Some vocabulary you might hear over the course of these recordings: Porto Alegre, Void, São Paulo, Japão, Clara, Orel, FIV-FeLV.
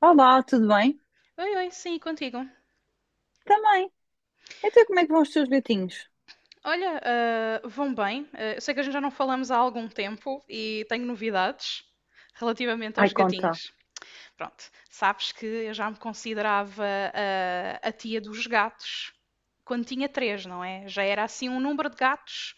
Olá, tudo bem? Oi, oi, sim, contigo. Também. Então, como é que vão os teus gatinhos? Olha, vão bem. Eu sei que a gente já não falamos há algum tempo e tenho novidades relativamente Ai, aos conta. gatinhos. Pronto, sabes que eu já me considerava a tia dos gatos quando tinha três, não é? Já era assim um número de gatos,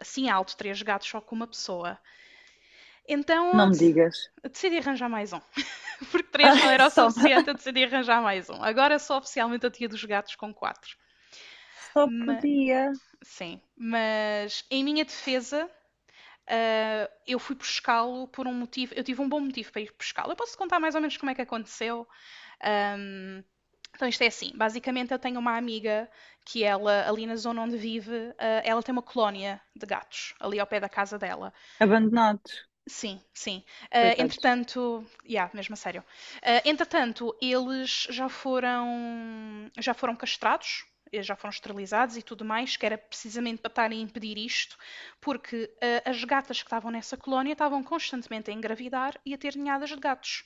assim alto, três gatos só com uma pessoa. Então Não me digas. eu decidi arranjar mais um. Porque três não Ai, era o só, suficiente, eu decidi arranjar mais um. Agora sou oficialmente a tia dos gatos com quatro. só podia. Sim, mas em minha defesa, eu fui pescá-lo por um motivo, eu tive um bom motivo para ir pescá-lo. Eu posso contar mais ou menos como é que aconteceu. Então isto é assim, basicamente eu tenho uma amiga que ela, ali na zona onde vive, ela tem uma colónia de gatos, ali ao pé da casa dela. Abandonados, Sim, sim. Coitados. Entretanto, yeah, mesmo a sério. Entretanto, eles já foram castrados, já foram esterilizados e tudo mais, que era precisamente para estarem a impedir isto, porque as gatas que estavam nessa colónia estavam constantemente a engravidar e a ter ninhadas de gatos.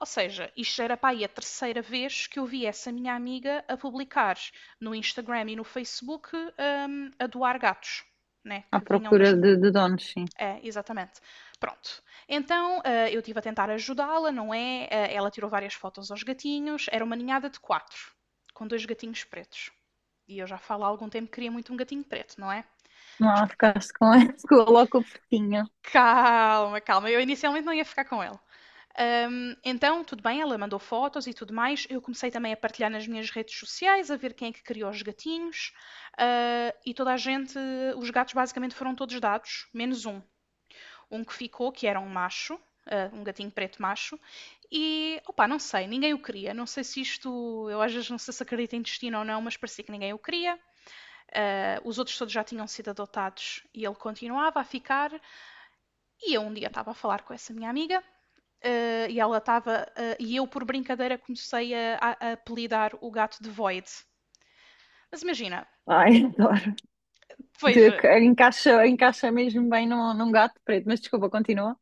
Ou seja, isto já era para aí a terceira vez que eu vi essa minha amiga a publicar no Instagram e no Facebook, a doar gatos, né, À que vinham das procura de, ninhadas. de donos, sim. É, exatamente. Pronto. Então, eu estive a tentar ajudá-la, não é? Ela tirou várias fotos aos gatinhos. Era uma ninhada de quatro, com dois gatinhos pretos. E eu já falo há algum tempo que queria muito um gatinho preto, não é? Mas Não, pronto. ficaste com esse, coloca o fofinho. Calma, calma. Eu inicialmente não ia ficar com ele. Então, tudo bem, ela mandou fotos e tudo mais. Eu comecei também a partilhar nas minhas redes sociais, a ver quem é que criou os gatinhos. E toda a gente, os gatos basicamente foram todos dados, menos um. Um que ficou, que era um macho, um gatinho preto macho, e opá, não sei, ninguém o queria. Não sei se isto, eu às vezes não sei se acredito em destino ou não, mas parecia que ninguém o queria. Os outros todos já tinham sido adotados e ele continuava a ficar. E eu um dia estava a falar com essa minha amiga. E ela estava, e eu por brincadeira comecei a apelidar o gato de Void. Mas imagina, Ai, adoro. De- veja. encaixa mesmo bem num, num gato preto. Mas desculpa, continua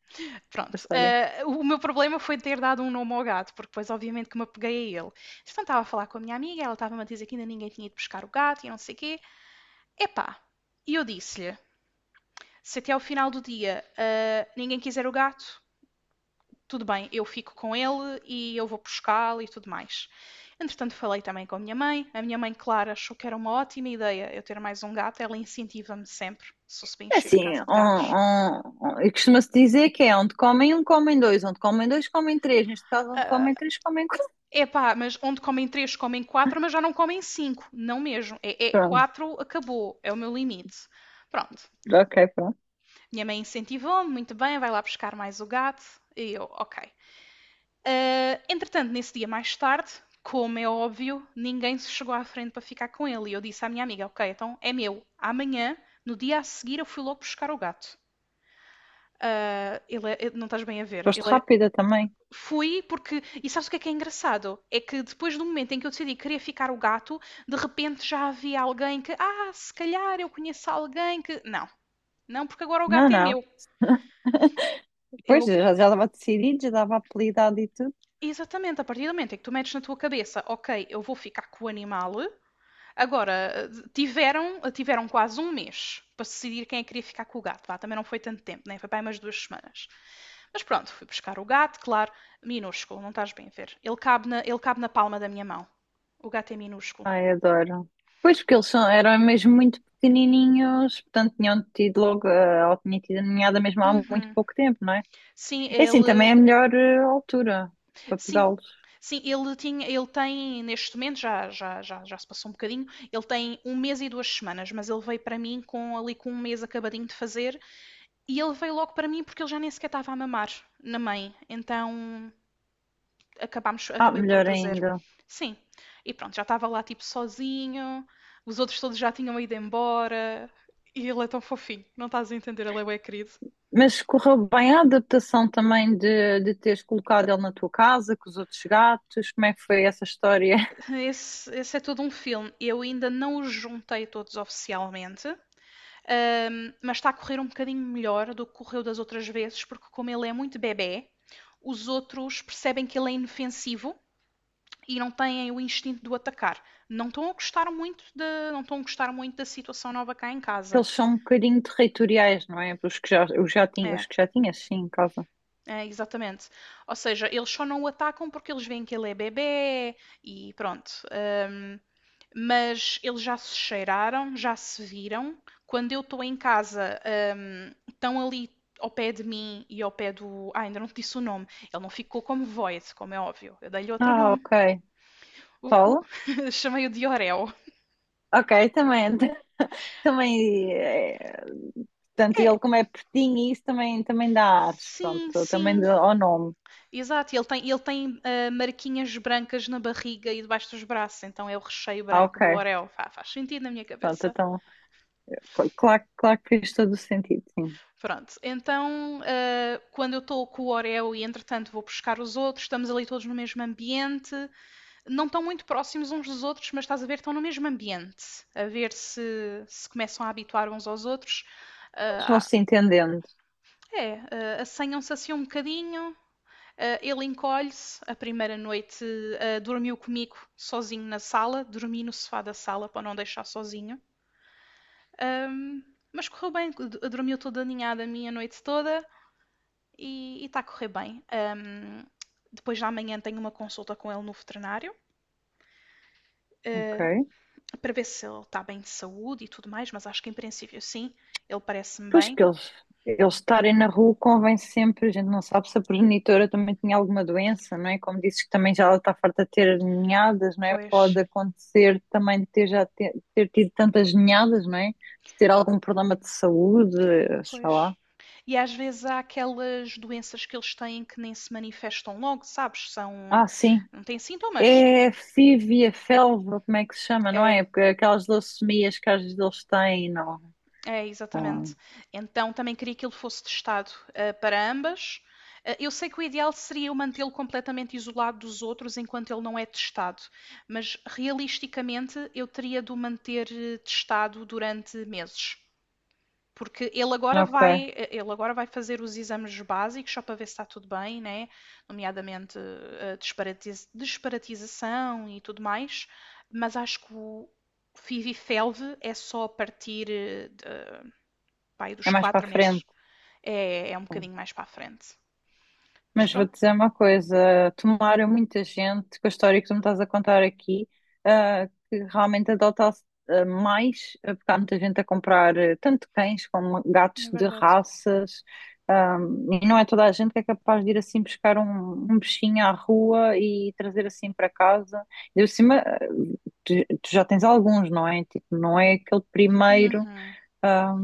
a Pronto, história. O meu problema foi ter dado um nome ao gato, porque depois obviamente que me apeguei a ele. Então estava a falar com a minha amiga, ela estava-me a dizer que ainda ninguém tinha ido buscar o gato e não sei o quê. Epá, e eu disse-lhe, se até ao final do dia ninguém quiser o gato, tudo bem, eu fico com ele e eu vou buscá-lo e tudo mais. Entretanto, falei também com a minha mãe. A minha mãe, Clara, achou que era uma ótima ideia eu ter mais um gato. Ela incentiva-me sempre, se eu se bem É encher a assim, casa de gatos. Costuma-se dizer que é onde comem um, comem dois, onde comem dois, comem três. Neste caso, onde comem três, comem quatro. Epá, mas onde comem três, comem quatro, mas já não comem cinco. Não mesmo. É Pronto, quatro, acabou. É o meu limite. Pronto. ok, pronto. Minha mãe incentivou-me, muito bem, vai lá buscar mais o gato. E eu, ok. Entretanto, nesse dia mais tarde, como é óbvio, ninguém se chegou à frente para ficar com ele. E eu disse à minha amiga, ok, então é meu. Amanhã, no dia a seguir, eu fui logo buscar o gato. Ele é, não estás bem a ver, Foste ele é. rápida também. Fui porque. E sabes o que é engraçado? É que depois do momento em que eu decidi que queria ficar o gato, de repente já havia alguém que. Se calhar eu conheço alguém que. Não, não, porque agora o Não, gato é não. meu. Pois, Eu. já estava decidido, já dava apelidado e tudo. Exatamente, a partir do momento em que tu metes na tua cabeça, ok, eu vou ficar com o animal. Agora, tiveram quase um mês para decidir quem é que queria ficar com o gato. Vá, também não foi tanto tempo, né? Foi para aí umas 2 semanas. Mas pronto, fui buscar o gato, claro, minúsculo, não estás bem a ver. Ele cabe na palma da minha mão. O gato é minúsculo. Ai, adoro. Pois, porque eles são, eram mesmo muito pequenininhos, portanto tinham tido logo, ou tinha tido a ninhada mesmo há muito Uhum. pouco tempo, não é? Sim, É assim, também é ele. a melhor altura para Sim. pegá-los. Sim, ele tinha, ele tem, neste momento, já se passou um bocadinho, ele tem um mês e 2 semanas, mas ele veio para mim com um mês acabadinho de fazer, e ele veio logo para mim porque ele já nem sequer estava a mamar na mãe. Então, acabámos, Ah, acabei por o melhor trazer. ainda. Sim. E pronto, já estava lá tipo sozinho, os outros todos já tinham ido embora. E ele é tão fofinho, não estás a entender, ele é bem querido. Mas correu bem a adaptação também de teres colocado ele na tua casa, com os outros gatos? Como é que foi essa história? Esse é todo um filme. Eu ainda não os juntei todos oficialmente, mas está a correr um bocadinho melhor do que correu das outras vezes, porque como ele é muito bebê, os outros percebem que ele é inofensivo e não têm o instinto de o atacar. Não estão a gostar muito da, não estão a gostar muito da situação nova cá em casa. Eles são um bocadinho territoriais, não é? Os É. que já tinhas, sim, em casa. É, exatamente. Ou seja, eles só não o atacam porque eles veem que ele é bebê e pronto. Mas eles já se cheiraram, já se viram. Quando eu estou em casa, estão ali ao pé de mim e ao pé do. Ainda não te disse o nome. Ele não ficou como Void, como é óbvio. Eu dei-lhe outro Ah, nome. ok. O- o- Qual? Chamei-o de Orel. Ok, também, também, é, portanto, É, ele como é pertinho, e isso também, também dá ares, pronto, sim, também sim. dá ao nome. Exato. Ele tem marquinhas brancas na barriga e debaixo dos braços, então é o recheio Ah, branco ok, do Orel. Faz sentido na minha pronto, cabeça. então, claro, claro que fez todo o sentido, sim. Pronto, então quando eu estou com o Oreo e entretanto vou buscar os outros, estamos ali todos no mesmo ambiente, não estão muito próximos uns dos outros, mas estás a ver, estão no mesmo ambiente, a ver se começam a habituar uns aos outros. Eles vão se entendendo, É, assanham-se assim um bocadinho, ele encolhe-se. A primeira noite dormiu comigo sozinho na sala, dormi no sofá da sala para não deixar sozinho. Ahm, mas correu bem, dormiu toda aninhada a minha noite toda. E está a correr bem. Depois de amanhã tenho uma consulta com ele no veterinário ok. para ver se ele está bem de saúde e tudo mais, mas acho que em princípio sim, ele parece-me Pois bem, que eles estarem na rua convém sempre, a gente não sabe se a progenitora também tinha alguma doença, não é? Como dizes que também já ela está farta de ter ninhadas, não é? pois, Pode acontecer também de ter tido tantas ninhadas, não é? De ter algum problema de saúde, sei pois. lá. E às vezes há aquelas doenças que eles têm que nem se manifestam logo, sabes? São, Ah, sim. não têm sintomas. É fívia, felva, como é que se chama, não É, é? Porque aquelas leucemias que às vezes eles têm, não. É, Ah, exatamente. Então também queria que ele fosse testado, para ambas. Eu sei que o ideal seria eu mantê-lo completamente isolado dos outros enquanto ele não é testado, mas realisticamente eu teria de o manter testado durante meses. Porque ok. Ele agora vai fazer os exames básicos só para ver se está tudo bem, né? Nomeadamente a disparatização e tudo mais, mas acho que o FIV-FeLV é só a partir pai É dos mais para quatro a meses. frente. É um bocadinho mais para a frente. Mas Mas vou pronto, dizer uma coisa, tomaram muita gente com a história que tu me estás a contar aqui, que realmente adota-se mais, porque há muita gente a comprar tanto cães como gatos é de verdade. raças, ah, e não é toda a gente que é capaz de ir assim buscar um, um bichinho à rua e trazer assim para casa. E por cima, tu, tu já tens alguns, não é? Tipo, não é aquele primeiro. Uhum. ah,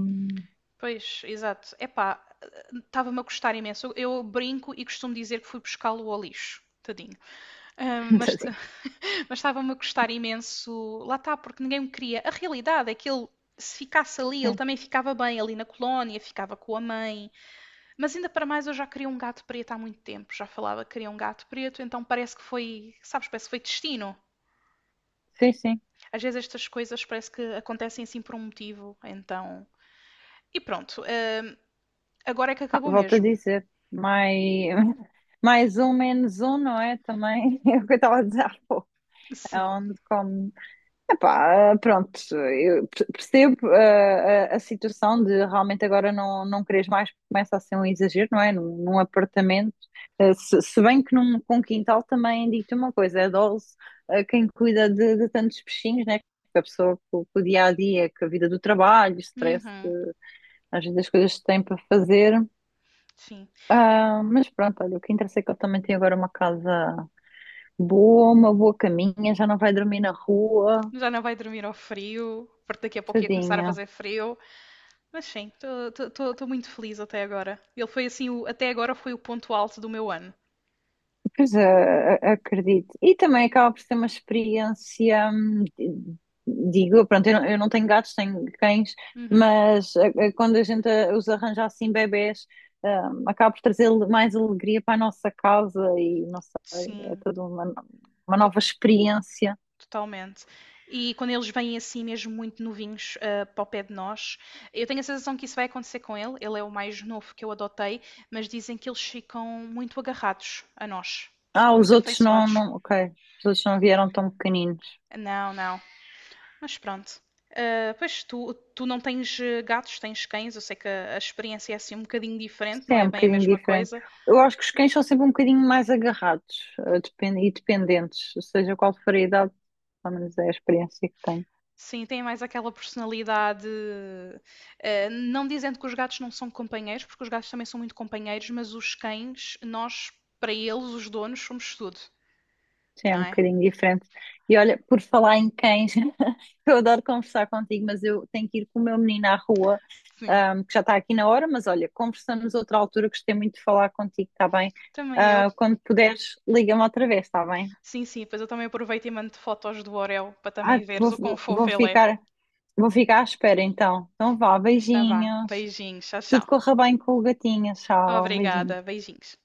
Pois, exato. Epá, estava-me a custar imenso. Eu brinco e costumo dizer que fui buscá-lo ao lixo. Tadinho. Mas assim, mas estava-me a custar imenso. Lá está, porque ninguém me queria. A realidade é que ele, se ficasse ali, ele sim, também ficava bem ali na colónia, ficava com a mãe. Mas ainda para mais, eu já queria um gato preto há muito tempo. Já falava que queria um gato preto, então parece que foi, sabes, parece que foi destino. sim. Sim. Às vezes estas coisas parece que acontecem assim por um motivo, então. E pronto, agora é que Ah, acabou volto a mesmo. dizer. Mas mais um, menos um, não é? Também é o que eu estava a dizer há pouco. É Sim. onde come. Epá, pronto, eu percebo a situação de realmente agora não, não queres mais, porque começa a ser um exagero, não é? Num, num apartamento. Ah, se bem que num, com quintal também digo-te uma coisa: é dose quem cuida de tantos peixinhos, né? Porque a pessoa com o dia a dia, com a vida do trabalho, o stress, Uhum, às vezes as coisas que tem para fazer. sim. Ah, mas pronto, olha, o que interessa é que eu também tenho agora uma casa boa, uma boa caminha, já não vai dormir na rua, Já não vai dormir ao frio, porque daqui a pouco ia começar a tadinha. fazer frio. Mas sim, estou muito feliz até agora. Ele foi assim, até agora foi o ponto alto do meu ano. Pois é, acredito. E também acaba por ser uma experiência, digo, pronto, eu não tenho gatos, tenho cães, Uhum, mas quando a gente os arranja assim, bebés, acaba por trazer mais alegria para a nossa casa e não sei, é sim. toda uma, uma Tô nova experiência. Totalmente. E quando eles vêm assim, mesmo muito novinhos, para o pé de nós, eu tenho a sensação que isso vai acontecer com ele. Ele é o mais novo que eu adotei, mas dizem que eles ficam muito agarrados a nós, Ah, ficam os muito outros não, afeiçoados. não, ok. Os outros não vieram tão pequeninos. Não, não. Mas pronto. Pois tu não tens gatos, tens cães. Eu sei que a experiência é assim um bocadinho Isso diferente, não é é um bem a bocadinho mesma diferente. coisa. Eu acho que os cães são sempre um bocadinho mais agarrados, e dependentes, seja qual for a idade, pelo menos é a experiência que tenho. Sim, tem mais aquela personalidade. Não dizendo que os gatos não são companheiros, porque os gatos também são muito companheiros, mas os cães, nós, para eles, os donos, somos tudo, Sim, é não um é? bocadinho diferente. E olha, por falar em cães, eu adoro conversar contigo, mas eu tenho que ir com o meu menino à rua, Sim. Que já está aqui na hora, mas olha, conversamos outra altura, gostei muito de falar contigo, está bem? Também eu. Ah, quando puderes, liga-me outra vez, está bem? Sim, sim, pois eu também aproveito e mando fotos do Orel para Ah, também veres o quão fofo vou ele é. ficar. Vou ficar à espera então. Então vá, Tá vá. beijinhos. Beijinhos. Tchau, Tudo tchau. corra bem com o gatinho. Tchau, beijinhos. Obrigada. Beijinhos.